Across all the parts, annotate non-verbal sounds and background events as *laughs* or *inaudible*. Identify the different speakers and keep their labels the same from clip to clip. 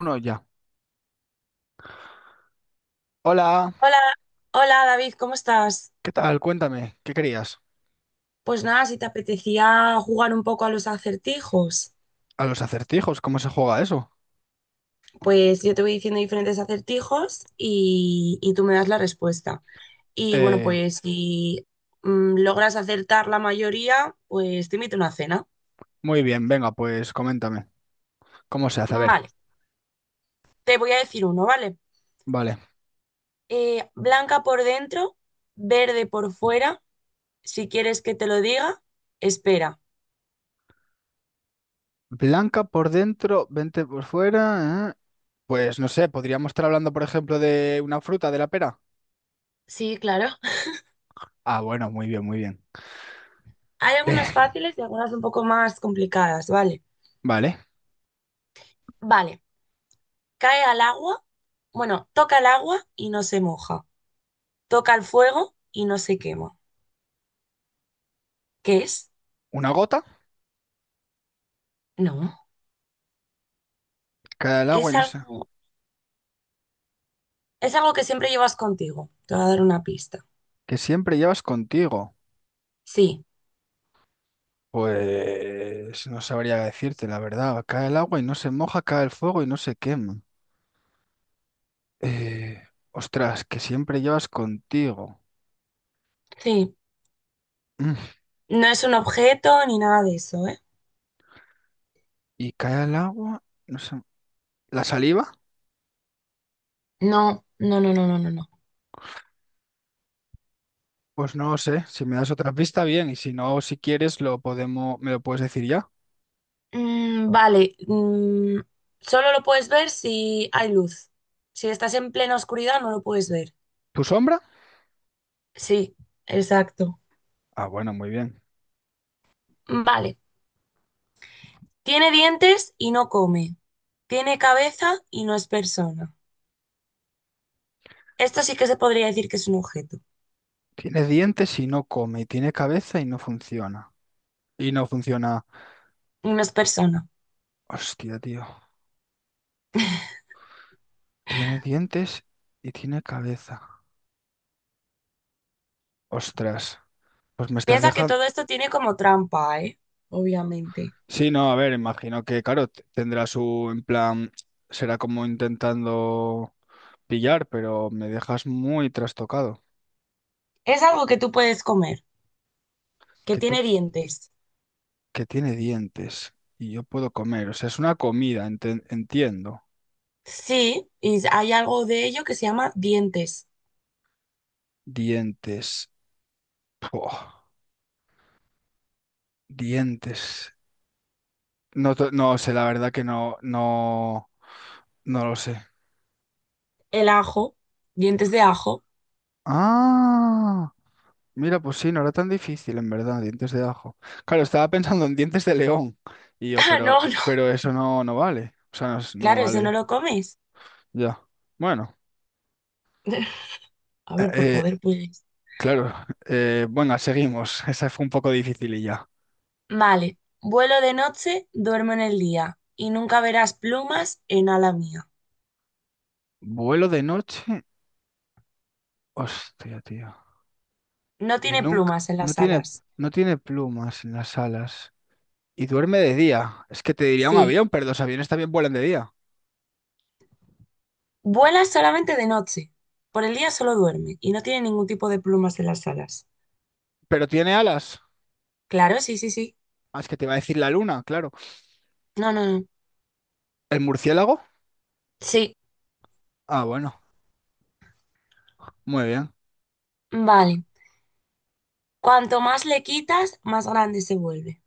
Speaker 1: Uno ya. Hola,
Speaker 2: Hola, hola David, ¿cómo estás?
Speaker 1: ¿qué tal? Cuéntame, ¿qué querías?
Speaker 2: Pues nada, si te apetecía jugar un poco a los acertijos,
Speaker 1: A los acertijos, ¿cómo se juega eso?
Speaker 2: pues yo te voy diciendo diferentes acertijos y tú me das la respuesta. Y bueno,
Speaker 1: Eh,
Speaker 2: pues si logras acertar la mayoría, pues te invito a una cena.
Speaker 1: muy bien, venga, pues coméntame. ¿Cómo se hace? A ver,
Speaker 2: Vale, te voy a decir uno, ¿vale?
Speaker 1: vale.
Speaker 2: Blanca por dentro, verde por fuera. Si quieres que te lo diga, espera.
Speaker 1: Blanca por dentro, 20 por fuera. ¿Eh? Pues no sé, podríamos estar hablando, por ejemplo, de una fruta, de la pera.
Speaker 2: Sí, claro.
Speaker 1: Ah, bueno, muy bien, muy bien.
Speaker 2: *laughs* Hay algunas
Speaker 1: Eh,
Speaker 2: fáciles y algunas un poco más complicadas, ¿vale?
Speaker 1: vale.
Speaker 2: Vale. Cae al agua, bueno, toca el agua y no se moja. Toca el fuego y no se quema. ¿Qué es?
Speaker 1: Una gota,
Speaker 2: No.
Speaker 1: cae del agua y
Speaker 2: Es
Speaker 1: no sé.
Speaker 2: algo, es algo que siempre llevas contigo. Te voy a dar una pista.
Speaker 1: Que siempre llevas contigo.
Speaker 2: Sí,
Speaker 1: Pues no sabría decirte, la verdad. Cae el agua y no se moja, cae el fuego y no se quema. Eh, ostras, que siempre llevas contigo.
Speaker 2: sí.
Speaker 1: Mm,
Speaker 2: No es un objeto ni nada de eso, ¿eh?
Speaker 1: Y cae al agua, no sé. ¿La saliva?
Speaker 2: No, no, no, no, no, no, no.
Speaker 1: Pues no lo sé. Si me das otra pista, bien. Y si no, si quieres, lo podemos, me lo puedes decir ya.
Speaker 2: Vale. Solo lo puedes ver si hay luz. Si estás en plena oscuridad, no lo puedes ver.
Speaker 1: ¿Tu sombra?
Speaker 2: Sí, exacto.
Speaker 1: Ah, bueno, muy bien.
Speaker 2: Vale. Tiene dientes y no come. Tiene cabeza y no es persona. Esto sí que se podría decir que es un objeto
Speaker 1: Tiene dientes y no come. Y tiene cabeza y no funciona. Y no funciona.
Speaker 2: y no es persona.
Speaker 1: Hostia, tío. Tiene dientes y tiene cabeza. Ostras. Pues me estás
Speaker 2: Piensa que
Speaker 1: dejando.
Speaker 2: todo esto tiene como trampa, ¿eh? Obviamente.
Speaker 1: Sí, no, a ver, imagino que, claro, tendrá su, en plan, será como intentando. Pillar, pero me dejas muy trastocado.
Speaker 2: Es algo que tú puedes comer, que
Speaker 1: Que tú,
Speaker 2: tiene dientes.
Speaker 1: que tiene dientes y yo puedo comer. O sea, es una comida, entiendo.
Speaker 2: Sí, y hay algo de ello que se llama dientes.
Speaker 1: Dientes. Puah, dientes. No, no sé, la verdad que no, no, no lo sé.
Speaker 2: El ajo, dientes de ajo. *laughs*
Speaker 1: Ah, mira, pues sí, no era tan difícil, en verdad, dientes de ajo. Claro, estaba pensando en dientes de león. Y yo,
Speaker 2: Ah,
Speaker 1: pero,
Speaker 2: no, no.
Speaker 1: pero eso no, no vale. O sea, no, no
Speaker 2: Claro, eso no
Speaker 1: vale.
Speaker 2: lo comes.
Speaker 1: Ya. Bueno.
Speaker 2: *laughs* A ver, por
Speaker 1: eh,
Speaker 2: poder puedes.
Speaker 1: claro, bueno, seguimos. *laughs* Esa fue un poco difícil y ya.
Speaker 2: Vale. Vuelo de noche, duermo en el día y nunca verás plumas en ala mía.
Speaker 1: Vuelo de noche. Hostia, tío.
Speaker 2: No
Speaker 1: Y
Speaker 2: tiene
Speaker 1: nunca,
Speaker 2: plumas en
Speaker 1: no
Speaker 2: las
Speaker 1: tiene,
Speaker 2: alas.
Speaker 1: no tiene plumas en las alas. Y duerme de día. Es que te diría un
Speaker 2: Sí.
Speaker 1: avión, pero los aviones también vuelan de día.
Speaker 2: Vuela solamente de noche. Por el día solo duerme y no tiene ningún tipo de plumas en las alas.
Speaker 1: Pero tiene alas.
Speaker 2: Claro, sí, sí, sí.
Speaker 1: Ah, es que te va a decir la luna, claro.
Speaker 2: No, no, no.
Speaker 1: ¿El murciélago?
Speaker 2: Sí.
Speaker 1: Ah, bueno, muy bien.
Speaker 2: Vale. Cuanto más le quitas, más grande se vuelve.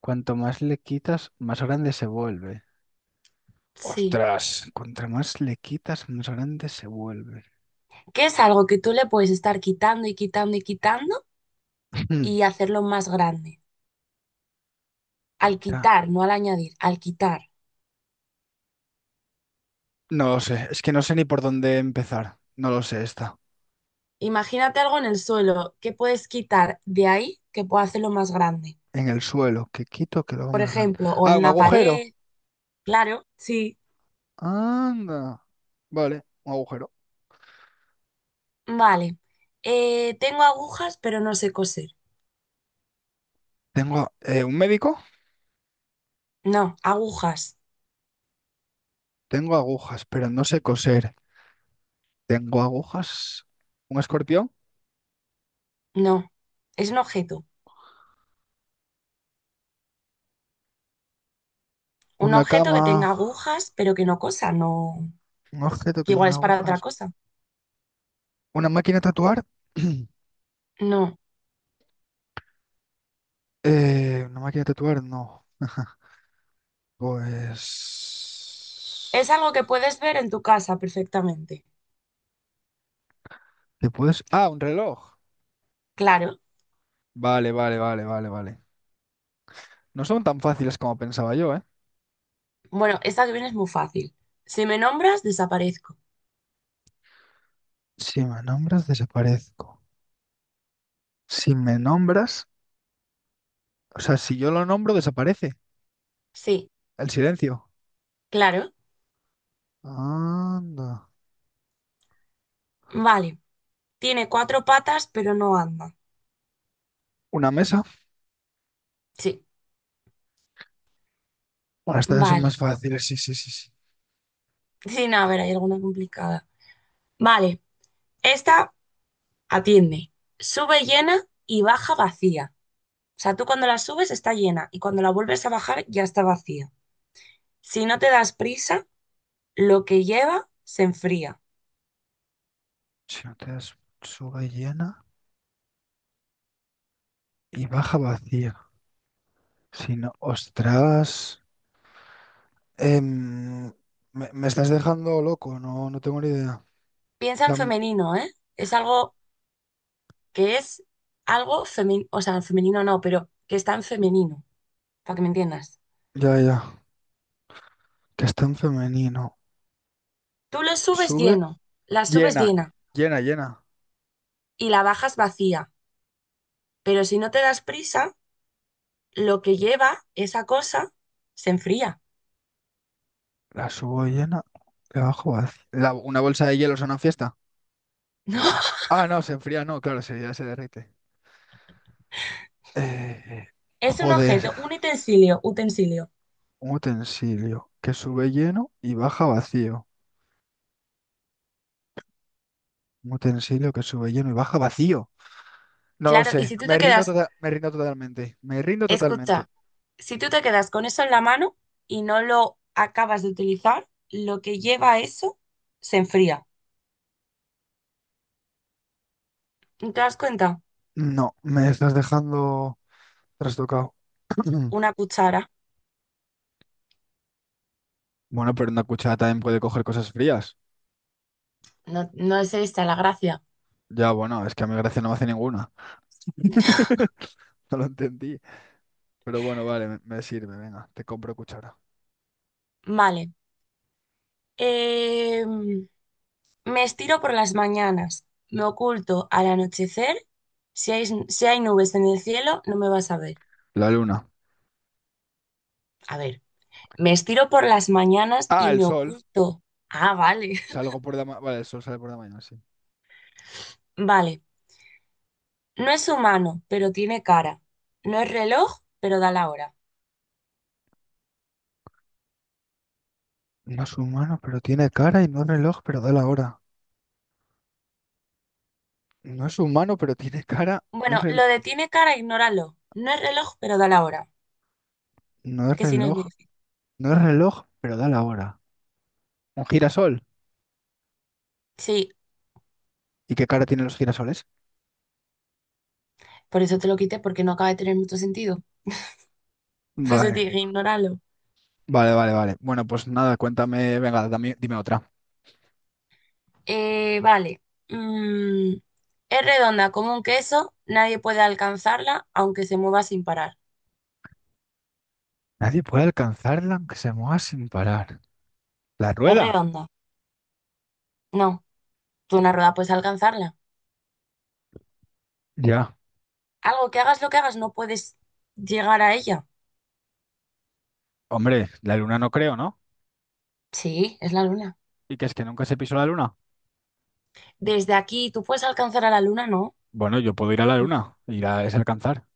Speaker 1: Cuanto más le quitas, más grande se vuelve.
Speaker 2: Sí.
Speaker 1: Ostras, cuanto más le quitas, más grande se vuelve.
Speaker 2: Que es algo que tú le puedes estar quitando y quitando y quitando
Speaker 1: *laughs* *clears throat*
Speaker 2: y hacerlo más grande. Al
Speaker 1: Quita.
Speaker 2: quitar, no al añadir, al quitar.
Speaker 1: No lo sé, es que no sé ni por dónde empezar. No lo sé, está
Speaker 2: Imagínate algo en el suelo que puedes quitar de ahí que pueda hacerlo más grande.
Speaker 1: en el suelo. ¿Qué quito? Que lo hago
Speaker 2: Por
Speaker 1: más grande.
Speaker 2: ejemplo, o en
Speaker 1: Ah, un
Speaker 2: una pared.
Speaker 1: agujero.
Speaker 2: Claro, sí.
Speaker 1: Anda. Vale, un agujero.
Speaker 2: Vale. Tengo agujas, pero no sé coser.
Speaker 1: Tengo un médico,
Speaker 2: No, agujas.
Speaker 1: tengo agujas, pero no sé coser. Tengo agujas, un escorpión,
Speaker 2: No. Es un objeto. Un
Speaker 1: una
Speaker 2: objeto
Speaker 1: cama,
Speaker 2: que tenga agujas, pero que no cosa, no.
Speaker 1: un objeto
Speaker 2: Que
Speaker 1: que
Speaker 2: igual
Speaker 1: tiene
Speaker 2: es para otra
Speaker 1: agujas,
Speaker 2: cosa.
Speaker 1: una máquina de tatuar. *clears throat*
Speaker 2: No.
Speaker 1: Una máquina de tatuar, no. *laughs*
Speaker 2: Es
Speaker 1: Pues...
Speaker 2: algo que puedes ver en tu casa perfectamente.
Speaker 1: ¿Te puedes? Ah, un reloj.
Speaker 2: Claro.
Speaker 1: Vale, vale, vale, vale, vale. No son tan fáciles como pensaba yo, ¿eh?
Speaker 2: Bueno, esta que viene es muy fácil. Si me nombras, desaparezco.
Speaker 1: Si me nombras, desaparezco. Si me nombras, o sea, si yo lo nombro, desaparece.
Speaker 2: Sí,
Speaker 1: El silencio.
Speaker 2: claro.
Speaker 1: Anda.
Speaker 2: Vale. Tiene cuatro patas, pero no anda.
Speaker 1: Una mesa.
Speaker 2: Sí,
Speaker 1: Bueno, estas son
Speaker 2: vale.
Speaker 1: más
Speaker 2: *laughs*
Speaker 1: fáciles, sí, sí, sí, sí.
Speaker 2: Sí, no, a ver, hay alguna complicada. Vale. Esta. Atiende, sube llena y baja vacía. O sea, tú cuando la subes está llena y cuando la vuelves a bajar ya está vacía. Si no te das prisa, lo que lleva se enfría.
Speaker 1: Si no te das, sube llena y baja vacía. Si no, ostras. Em, me estás dejando loco, no, no tengo ni idea.
Speaker 2: Piensa en
Speaker 1: La mu-
Speaker 2: femenino, ¿eh? Es algo que es algo femenino, o sea, en femenino no, pero que está en femenino, para que me entiendas.
Speaker 1: ya, ya. Que está en femenino.
Speaker 2: Tú lo subes
Speaker 1: Sube,
Speaker 2: lleno, la subes
Speaker 1: llena,
Speaker 2: llena
Speaker 1: llena, llena.
Speaker 2: y la bajas vacía, pero si no te das prisa, lo que lleva esa cosa se enfría. *laughs*
Speaker 1: La subo llena, la bajo vacía. ¿Una bolsa de hielo una fiesta?
Speaker 2: No,
Speaker 1: Ah, no, se enfría, no, claro, ya se derrite. Eh,
Speaker 2: es un
Speaker 1: joder,
Speaker 2: objeto, un utensilio, utensilio.
Speaker 1: un utensilio que sube lleno y baja vacío. Un utensilio que sube lleno y baja vacío. No lo
Speaker 2: Claro, y
Speaker 1: sé,
Speaker 2: si tú te
Speaker 1: me rindo
Speaker 2: quedas,
Speaker 1: total, me rindo totalmente, me rindo totalmente.
Speaker 2: escucha, si tú te quedas con eso en la mano y no lo acabas de utilizar, lo que lleva eso se enfría. ¿Te das cuenta?
Speaker 1: No, me estás dejando trastocado. *clears throat*
Speaker 2: Una cuchara.
Speaker 1: Bueno, pero una cuchara también puede coger cosas frías.
Speaker 2: No, no es esta la gracia.
Speaker 1: Ya, bueno, es que a mi gracia no me hace ninguna. *laughs* No lo entendí. Pero bueno, vale, me sirve, venga, te compro cuchara.
Speaker 2: Vale. Em, me estiro por las mañanas, me oculto al anochecer. Si hay nubes en el cielo, no me vas a ver.
Speaker 1: La luna.
Speaker 2: A ver, me estiro por las mañanas
Speaker 1: Ah,
Speaker 2: y
Speaker 1: el
Speaker 2: me
Speaker 1: sol.
Speaker 2: oculto. Ah, vale. *laughs*
Speaker 1: Salgo por vale, el sol sale por la mañana, sí.
Speaker 2: Vale. No es humano, pero tiene cara. No es reloj, pero da la hora.
Speaker 1: No es humano, pero tiene cara y no es reloj, pero da la hora. No es humano, pero tiene cara. No es,
Speaker 2: Bueno, lo
Speaker 1: rel-
Speaker 2: de tiene cara, ignóralo. No es reloj, pero da la hora.
Speaker 1: no es
Speaker 2: Que si no es muy
Speaker 1: reloj.
Speaker 2: difícil.
Speaker 1: No es reloj, pero da la hora. Un girasol.
Speaker 2: Sí,
Speaker 1: ¿Y qué cara tienen los girasoles?
Speaker 2: por eso te lo quité, porque no acaba de tener mucho sentido. *laughs* Por eso te
Speaker 1: Vale,
Speaker 2: dije, ignóralo.
Speaker 1: vale, vale, vale. Bueno, pues nada, cuéntame, venga, dime otra.
Speaker 2: Vale. Mm, es redonda como un queso, nadie puede alcanzarla, aunque se mueva sin parar.
Speaker 1: Nadie puede alcanzarla aunque se mueva sin parar. ¿La
Speaker 2: Es
Speaker 1: rueda?
Speaker 2: redonda. No, tú una rueda puedes alcanzarla.
Speaker 1: Ya.
Speaker 2: Algo que hagas lo que hagas, no puedes llegar a ella.
Speaker 1: Hombre, la luna no creo, ¿no?
Speaker 2: Sí, es la luna.
Speaker 1: ¿Y qué es que nunca se pisó la luna?
Speaker 2: Desde aquí, tú puedes alcanzar a la luna, ¿no?
Speaker 1: Bueno, yo puedo ir a la luna, ir a es alcanzar.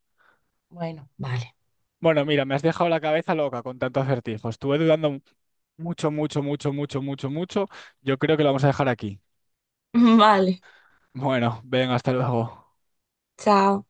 Speaker 2: Bueno, vale.
Speaker 1: Bueno, mira, me has dejado la cabeza loca con tanto acertijos. Estuve dudando mucho, mucho, mucho, mucho, mucho, mucho. Yo creo que lo vamos a dejar aquí.
Speaker 2: *laughs* Vale,
Speaker 1: Bueno, ven, hasta luego.
Speaker 2: chao.